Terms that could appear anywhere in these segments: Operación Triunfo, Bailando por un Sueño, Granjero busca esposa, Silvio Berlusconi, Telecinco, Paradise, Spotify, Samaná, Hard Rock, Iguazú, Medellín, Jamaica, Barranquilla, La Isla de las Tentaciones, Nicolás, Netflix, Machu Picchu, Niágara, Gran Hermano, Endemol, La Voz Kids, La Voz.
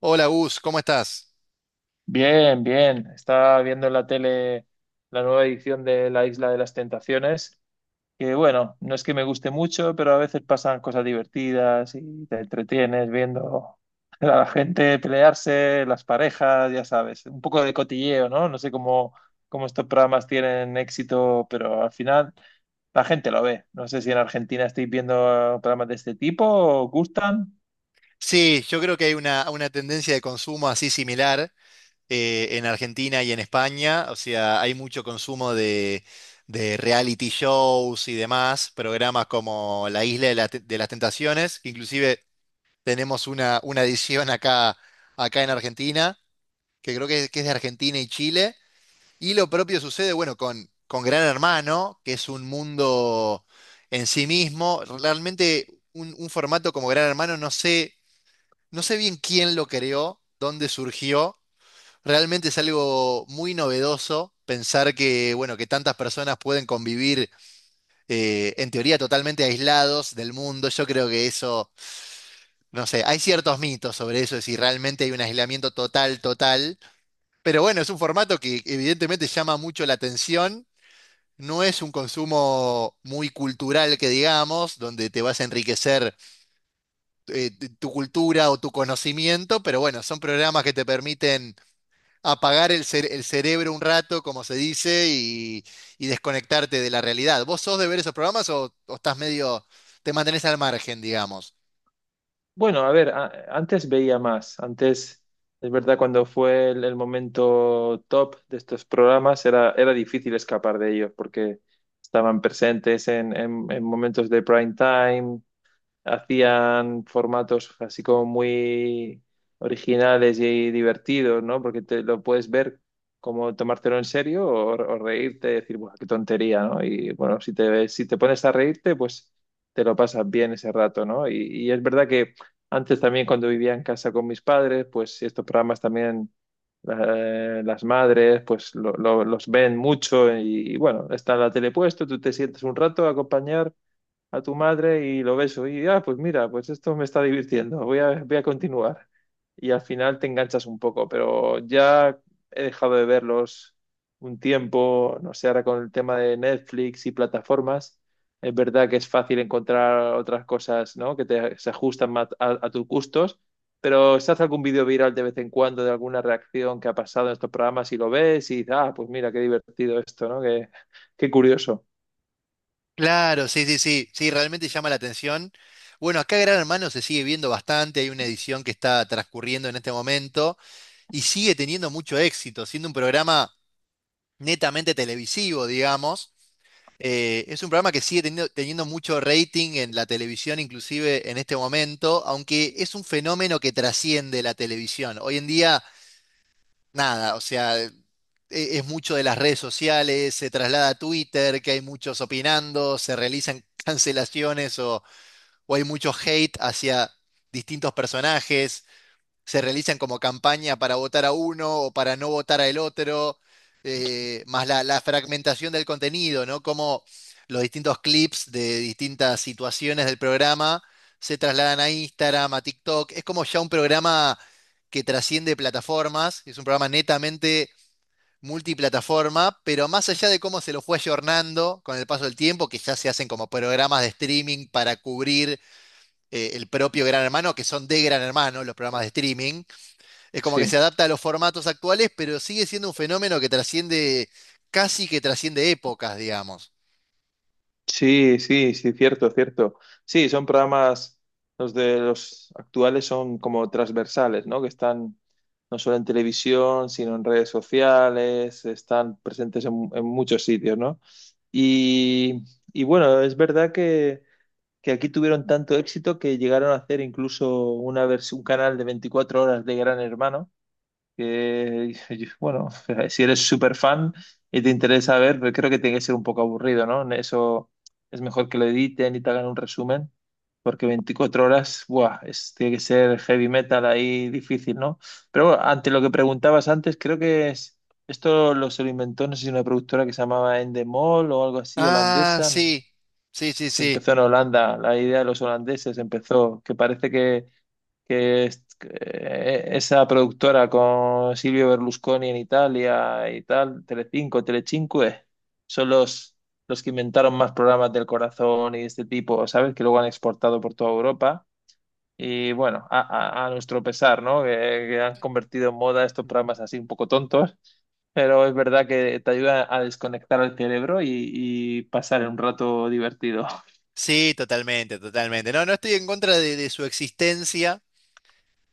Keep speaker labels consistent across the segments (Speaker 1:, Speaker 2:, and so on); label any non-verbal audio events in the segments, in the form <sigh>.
Speaker 1: Hola Gus, ¿cómo estás?
Speaker 2: Bien, bien. Estaba viendo en la tele la nueva edición de La Isla de las Tentaciones, que bueno, no es que me guste mucho, pero a veces pasan cosas divertidas y te entretienes viendo <laughs> a la gente pelearse, las parejas, ya sabes, un poco de cotilleo, ¿no? No sé cómo estos programas tienen éxito, pero al final la gente lo ve. No sé si en Argentina estáis viendo programas de este tipo, ¿os gustan?
Speaker 1: Sí, yo creo que hay una tendencia de consumo así similar, en Argentina y en España. O sea, hay mucho consumo de reality shows y demás, programas como La Isla de las Tentaciones, que inclusive tenemos una edición acá en Argentina, que que es de Argentina y Chile. Y lo propio sucede, bueno, con Gran Hermano, que es un mundo en sí mismo. Realmente un formato como Gran Hermano, no sé, no sé bien quién lo creó, dónde surgió. Realmente es algo muy novedoso pensar que, bueno, que tantas personas pueden convivir, en teoría totalmente aislados del mundo. Yo creo que eso, no sé, hay ciertos mitos sobre eso, de si realmente hay un aislamiento total, total. Pero bueno, es un formato que evidentemente llama mucho la atención. No es un consumo muy cultural que digamos, donde te vas a enriquecer, tu cultura o tu conocimiento, pero bueno, son programas que te permiten apagar el cerebro un rato, como se dice, y desconectarte de la realidad. ¿Vos sos de ver esos programas o estás medio, te mantenés al margen, digamos?
Speaker 2: Bueno, a ver, antes veía más. Antes, es verdad, cuando fue el momento top de estos programas, era difícil escapar de ellos porque estaban presentes en, en momentos de prime time, hacían formatos así como muy originales y divertidos, ¿no? Porque te lo puedes ver como tomártelo en serio o reírte y decir, ¡buah, qué tontería!, ¿no? Y bueno, si te pones a reírte, pues te lo pasas bien ese rato, ¿no? Y es verdad que antes también cuando vivía en casa con mis padres, pues estos programas también, las madres pues los ven mucho y bueno, está la tele puesto, tú te sientes un rato a acompañar a tu madre y lo ves. Y, ah, pues mira, pues esto me está divirtiendo, voy a continuar. Y al final te enganchas un poco, pero ya he dejado de verlos un tiempo, no sé, ahora con el tema de Netflix y plataformas, es verdad que es fácil encontrar otras cosas, ¿no?, que se ajustan más a tus gustos. Pero se hace algún vídeo viral de vez en cuando de alguna reacción que ha pasado en estos programas y lo ves y ah, pues mira, qué divertido esto, ¿no? Qué, qué curioso.
Speaker 1: Claro, sí, sí, sí, sí, realmente llama la atención. Bueno, acá Gran Hermano se sigue viendo bastante, hay una edición que está transcurriendo en este momento y sigue teniendo mucho éxito, siendo un programa netamente televisivo, digamos. Es un programa que sigue teniendo mucho rating en la televisión, inclusive en este momento, aunque es un fenómeno que trasciende la televisión. Hoy en día, nada, o sea, es mucho de las redes sociales, se traslada a Twitter, que hay muchos opinando, se realizan <laughs> cancelaciones o hay mucho hate hacia distintos personajes, se realizan como campaña para votar a uno o para no votar al otro, más la fragmentación del contenido, ¿no? Como los distintos clips de distintas situaciones del programa se trasladan a Instagram, a TikTok. Es como ya un programa que trasciende plataformas, es un programa netamente multiplataforma, pero más allá de cómo se lo fue ayornando con el paso del tiempo, que ya se hacen como programas de streaming para cubrir, el propio Gran Hermano, que son de Gran Hermano los programas de streaming, es como que
Speaker 2: Sí.
Speaker 1: se adapta a los formatos actuales, pero sigue siendo un fenómeno que trasciende, casi que trasciende épocas, digamos.
Speaker 2: Sí, sí, sí, cierto, cierto. Sí, son programas, los de los actuales son como transversales, ¿no? Que están no solo en televisión, sino en redes sociales, están presentes en muchos sitios, ¿no? Y, y bueno, es verdad que aquí tuvieron tanto éxito que llegaron a hacer incluso una un canal de 24 horas de Gran Hermano que, <laughs> bueno, si eres súper fan y te interesa ver, pero creo que tiene que ser un poco aburrido, ¿no? Eso es mejor que lo editen y te hagan un resumen, porque 24 horas, buah, tiene que ser heavy metal ahí difícil, ¿no? Pero bueno, ante lo que preguntabas antes, creo que es, esto lo se lo inventó, no sé si una productora que se llamaba Endemol o algo así,
Speaker 1: Ah,
Speaker 2: holandesa, no sé
Speaker 1: sí, sí, sí,
Speaker 2: si
Speaker 1: sí.
Speaker 2: empezó en Holanda, la idea de los holandeses empezó, que parece que esa productora con Silvio Berlusconi en Italia y tal, Telecinco, Telecinque, son los que inventaron más programas del corazón y de este tipo, ¿sabes? Que luego han exportado por toda Europa. Y bueno, a, a nuestro pesar, ¿no?, que han convertido en moda estos programas así un poco tontos, pero es verdad que te ayuda a desconectar el cerebro y pasar un rato divertido.
Speaker 1: Sí, totalmente, totalmente. No, no estoy en contra de su existencia.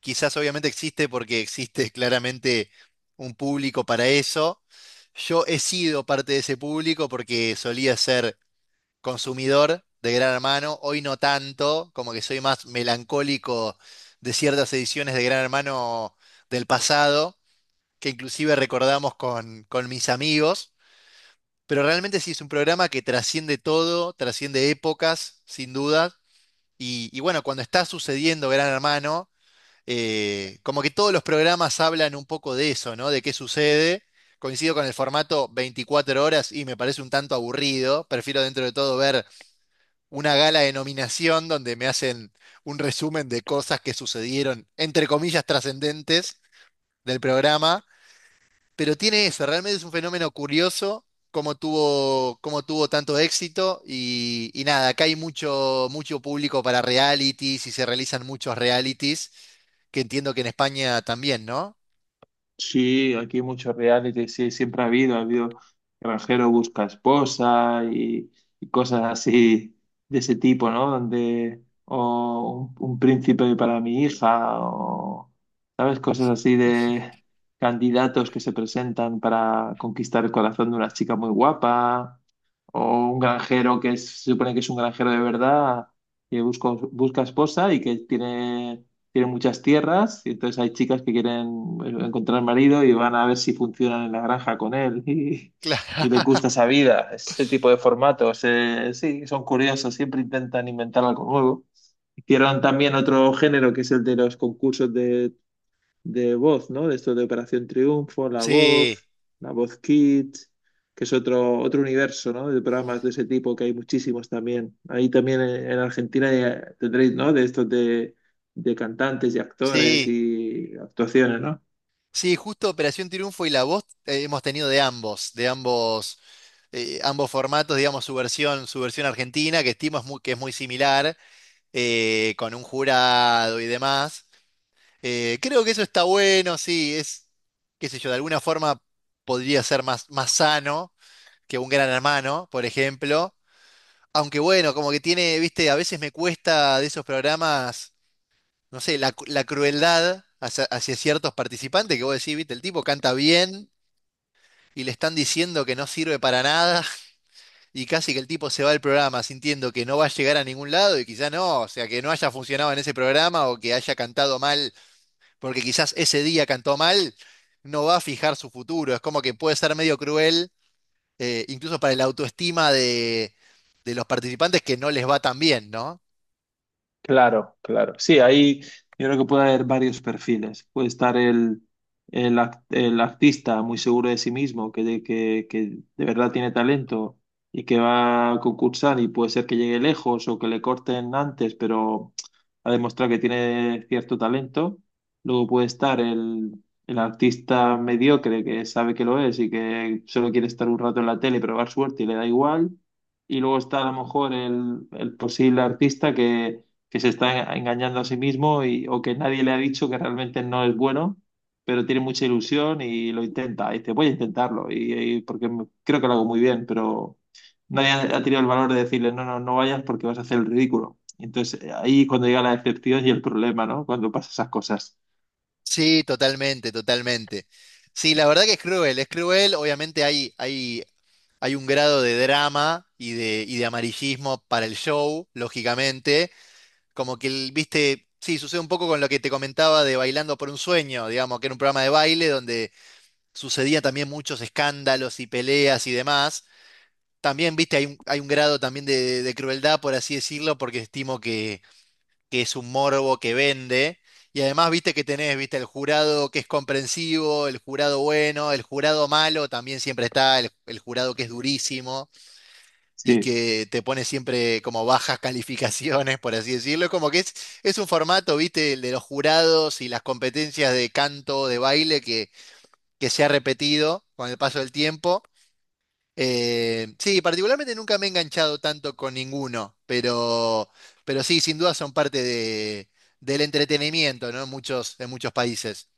Speaker 1: Quizás obviamente existe porque existe claramente un público para eso. Yo he sido parte de ese público porque solía ser consumidor de Gran Hermano, hoy no tanto, como que soy más melancólico de ciertas ediciones de Gran Hermano del pasado, que inclusive recordamos con mis amigos, pero realmente sí es un programa que trasciende todo, trasciende épocas, sin duda, y bueno, cuando está sucediendo Gran Hermano, como que todos los programas hablan un poco de eso, ¿no? De qué sucede. Coincido con el formato 24 horas y me parece un tanto aburrido. Prefiero dentro de todo ver una gala de nominación donde me hacen un resumen de cosas que sucedieron, entre comillas, trascendentes del programa, pero tiene eso, realmente es un fenómeno curioso cómo tuvo tanto éxito y nada, acá hay mucho, mucho público para realities y se realizan muchos realities, que entiendo que en España también, ¿no?
Speaker 2: Sí, aquí hay muchos reality, sí, siempre ha habido Granjero busca esposa y cosas así de ese tipo, ¿no? Donde, o un príncipe para mi hija, o, ¿sabes?, cosas así de candidatos que se presentan para conquistar el corazón de una chica muy guapa, o un granjero que se supone que es un granjero de verdad, que busca, busca esposa y que tiene tienen muchas tierras y entonces hay chicas que quieren encontrar marido y van a ver si funcionan en la granja con él <laughs>
Speaker 1: Claro.
Speaker 2: y les gusta
Speaker 1: <laughs>
Speaker 2: esa vida, ese tipo de formatos. Sí, son curiosos, siempre intentan inventar algo nuevo. Hicieron también otro género que es el de los concursos de voz, ¿no? De esto de Operación Triunfo, La
Speaker 1: Sí,
Speaker 2: Voz, La Voz Kids, que es otro, otro universo, ¿no? De programas de ese tipo que hay muchísimos también. Ahí también en Argentina ya tendréis, ¿no? De estos de cantantes y actores
Speaker 1: sí,
Speaker 2: y actuaciones, ¿no?
Speaker 1: sí, justo Operación Triunfo y La Voz, hemos tenido de ambos, de ambos, ambos formatos, digamos, su versión argentina, que estimo es muy, que es muy similar, con un jurado y demás. Creo que eso está bueno, sí, es, qué sé yo, de alguna forma podría ser más, más sano que un Gran Hermano, por ejemplo. Aunque bueno, como que tiene, viste, a veces me cuesta de esos programas, no sé, la crueldad hacia, hacia ciertos participantes que vos decís, viste, el tipo canta bien y le están diciendo que no sirve para nada. Y casi que el tipo se va del programa sintiendo que no va a llegar a ningún lado y quizá no, o sea, que no haya funcionado en ese programa o que haya cantado mal, porque quizás ese día cantó mal, no va a fijar su futuro. Es como que puede ser medio cruel, incluso para la autoestima de los participantes que no les va tan bien, ¿no?
Speaker 2: Claro, claro. Sí, ahí yo creo que puede haber varios perfiles. Puede estar el artista muy seguro de sí mismo, que de verdad tiene talento y que va a concursar y puede ser que llegue lejos o que le corten antes, pero ha demostrado que tiene cierto talento. Luego puede estar el artista mediocre que sabe que lo es y que solo quiere estar un rato en la tele y probar suerte y le da igual. Y luego está a lo mejor el posible artista que se está engañando a sí mismo y, o que nadie le ha dicho que realmente no es bueno, pero tiene mucha ilusión y lo intenta. Y dice, voy a intentarlo, y porque creo que lo hago muy bien, pero nadie ha, ha tenido el valor de decirle, no, no, no vayas porque vas a hacer el ridículo. Entonces, ahí cuando llega la decepción y el problema, ¿no? Cuando pasan esas cosas.
Speaker 1: Sí, totalmente, totalmente. Sí, la verdad que es cruel, es cruel. Obviamente hay, hay, hay un grado de drama y y de amarillismo para el show, lógicamente. Como que, viste, sí, sucede un poco con lo que te comentaba de Bailando por un Sueño, digamos, que era un programa de baile donde sucedían también muchos escándalos y peleas y demás. También, viste, hay hay un grado también de crueldad, por así decirlo, porque estimo que es un morbo que vende. Y además, viste que tenés, viste, el jurado que es comprensivo, el jurado bueno, el jurado malo también siempre está, el jurado que es durísimo y
Speaker 2: Sí.
Speaker 1: que te pone siempre como bajas calificaciones, por así decirlo. Es como que es un formato, viste, el de los jurados y las competencias de canto, de baile, que se ha repetido con el paso del tiempo. Sí, particularmente nunca me he enganchado tanto con ninguno, pero sí, sin duda son parte de, del entretenimiento, ¿no? En muchos países.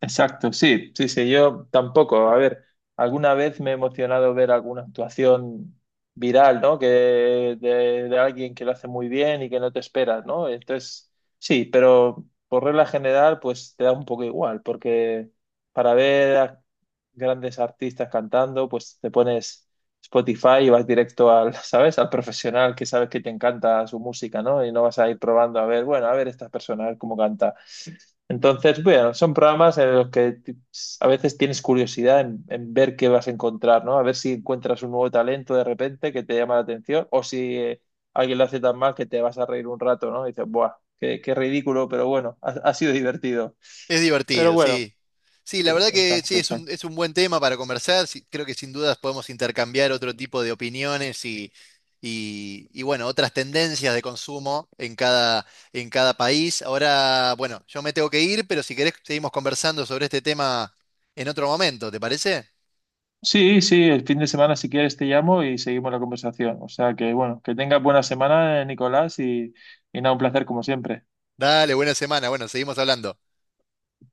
Speaker 2: Exacto, sí, sí, sí, yo tampoco. A ver, alguna vez me he emocionado ver alguna actuación viral, ¿no? Que de alguien que lo hace muy bien y que no te esperas, ¿no? Entonces, sí, pero por regla general, pues te da un poco igual, porque para ver a grandes artistas cantando, pues te pones Spotify y vas directo al, <laughs> ¿sabes?, al profesional que sabes que te encanta su música, ¿no? Y no vas a ir probando a ver, bueno, a ver esta persona, a ver cómo canta. Entonces, bueno, son programas en los que a veces tienes curiosidad en ver qué vas a encontrar, ¿no? A ver si encuentras un nuevo talento de repente que te llama la atención o si alguien lo hace tan mal que te vas a reír un rato, ¿no? Y dices, ¡buah! Qué, qué ridículo, pero bueno, ha, ha sido divertido.
Speaker 1: Es
Speaker 2: Pero
Speaker 1: divertido,
Speaker 2: bueno,
Speaker 1: sí. Sí, la
Speaker 2: sí,
Speaker 1: verdad que
Speaker 2: exacto,
Speaker 1: sí,
Speaker 2: exacto.
Speaker 1: es un buen tema para conversar. Sí, creo que sin dudas podemos intercambiar otro tipo de opiniones y, bueno, otras tendencias de consumo en cada país. Ahora, bueno, yo me tengo que ir, pero si querés seguimos conversando sobre este tema en otro momento, ¿te parece?
Speaker 2: Sí, sí, el fin de semana si quieres te llamo y seguimos la conversación. O sea que bueno, que tengas buena semana, Nicolás, y nada, un placer como siempre.
Speaker 1: Dale, buena semana. Bueno, seguimos hablando.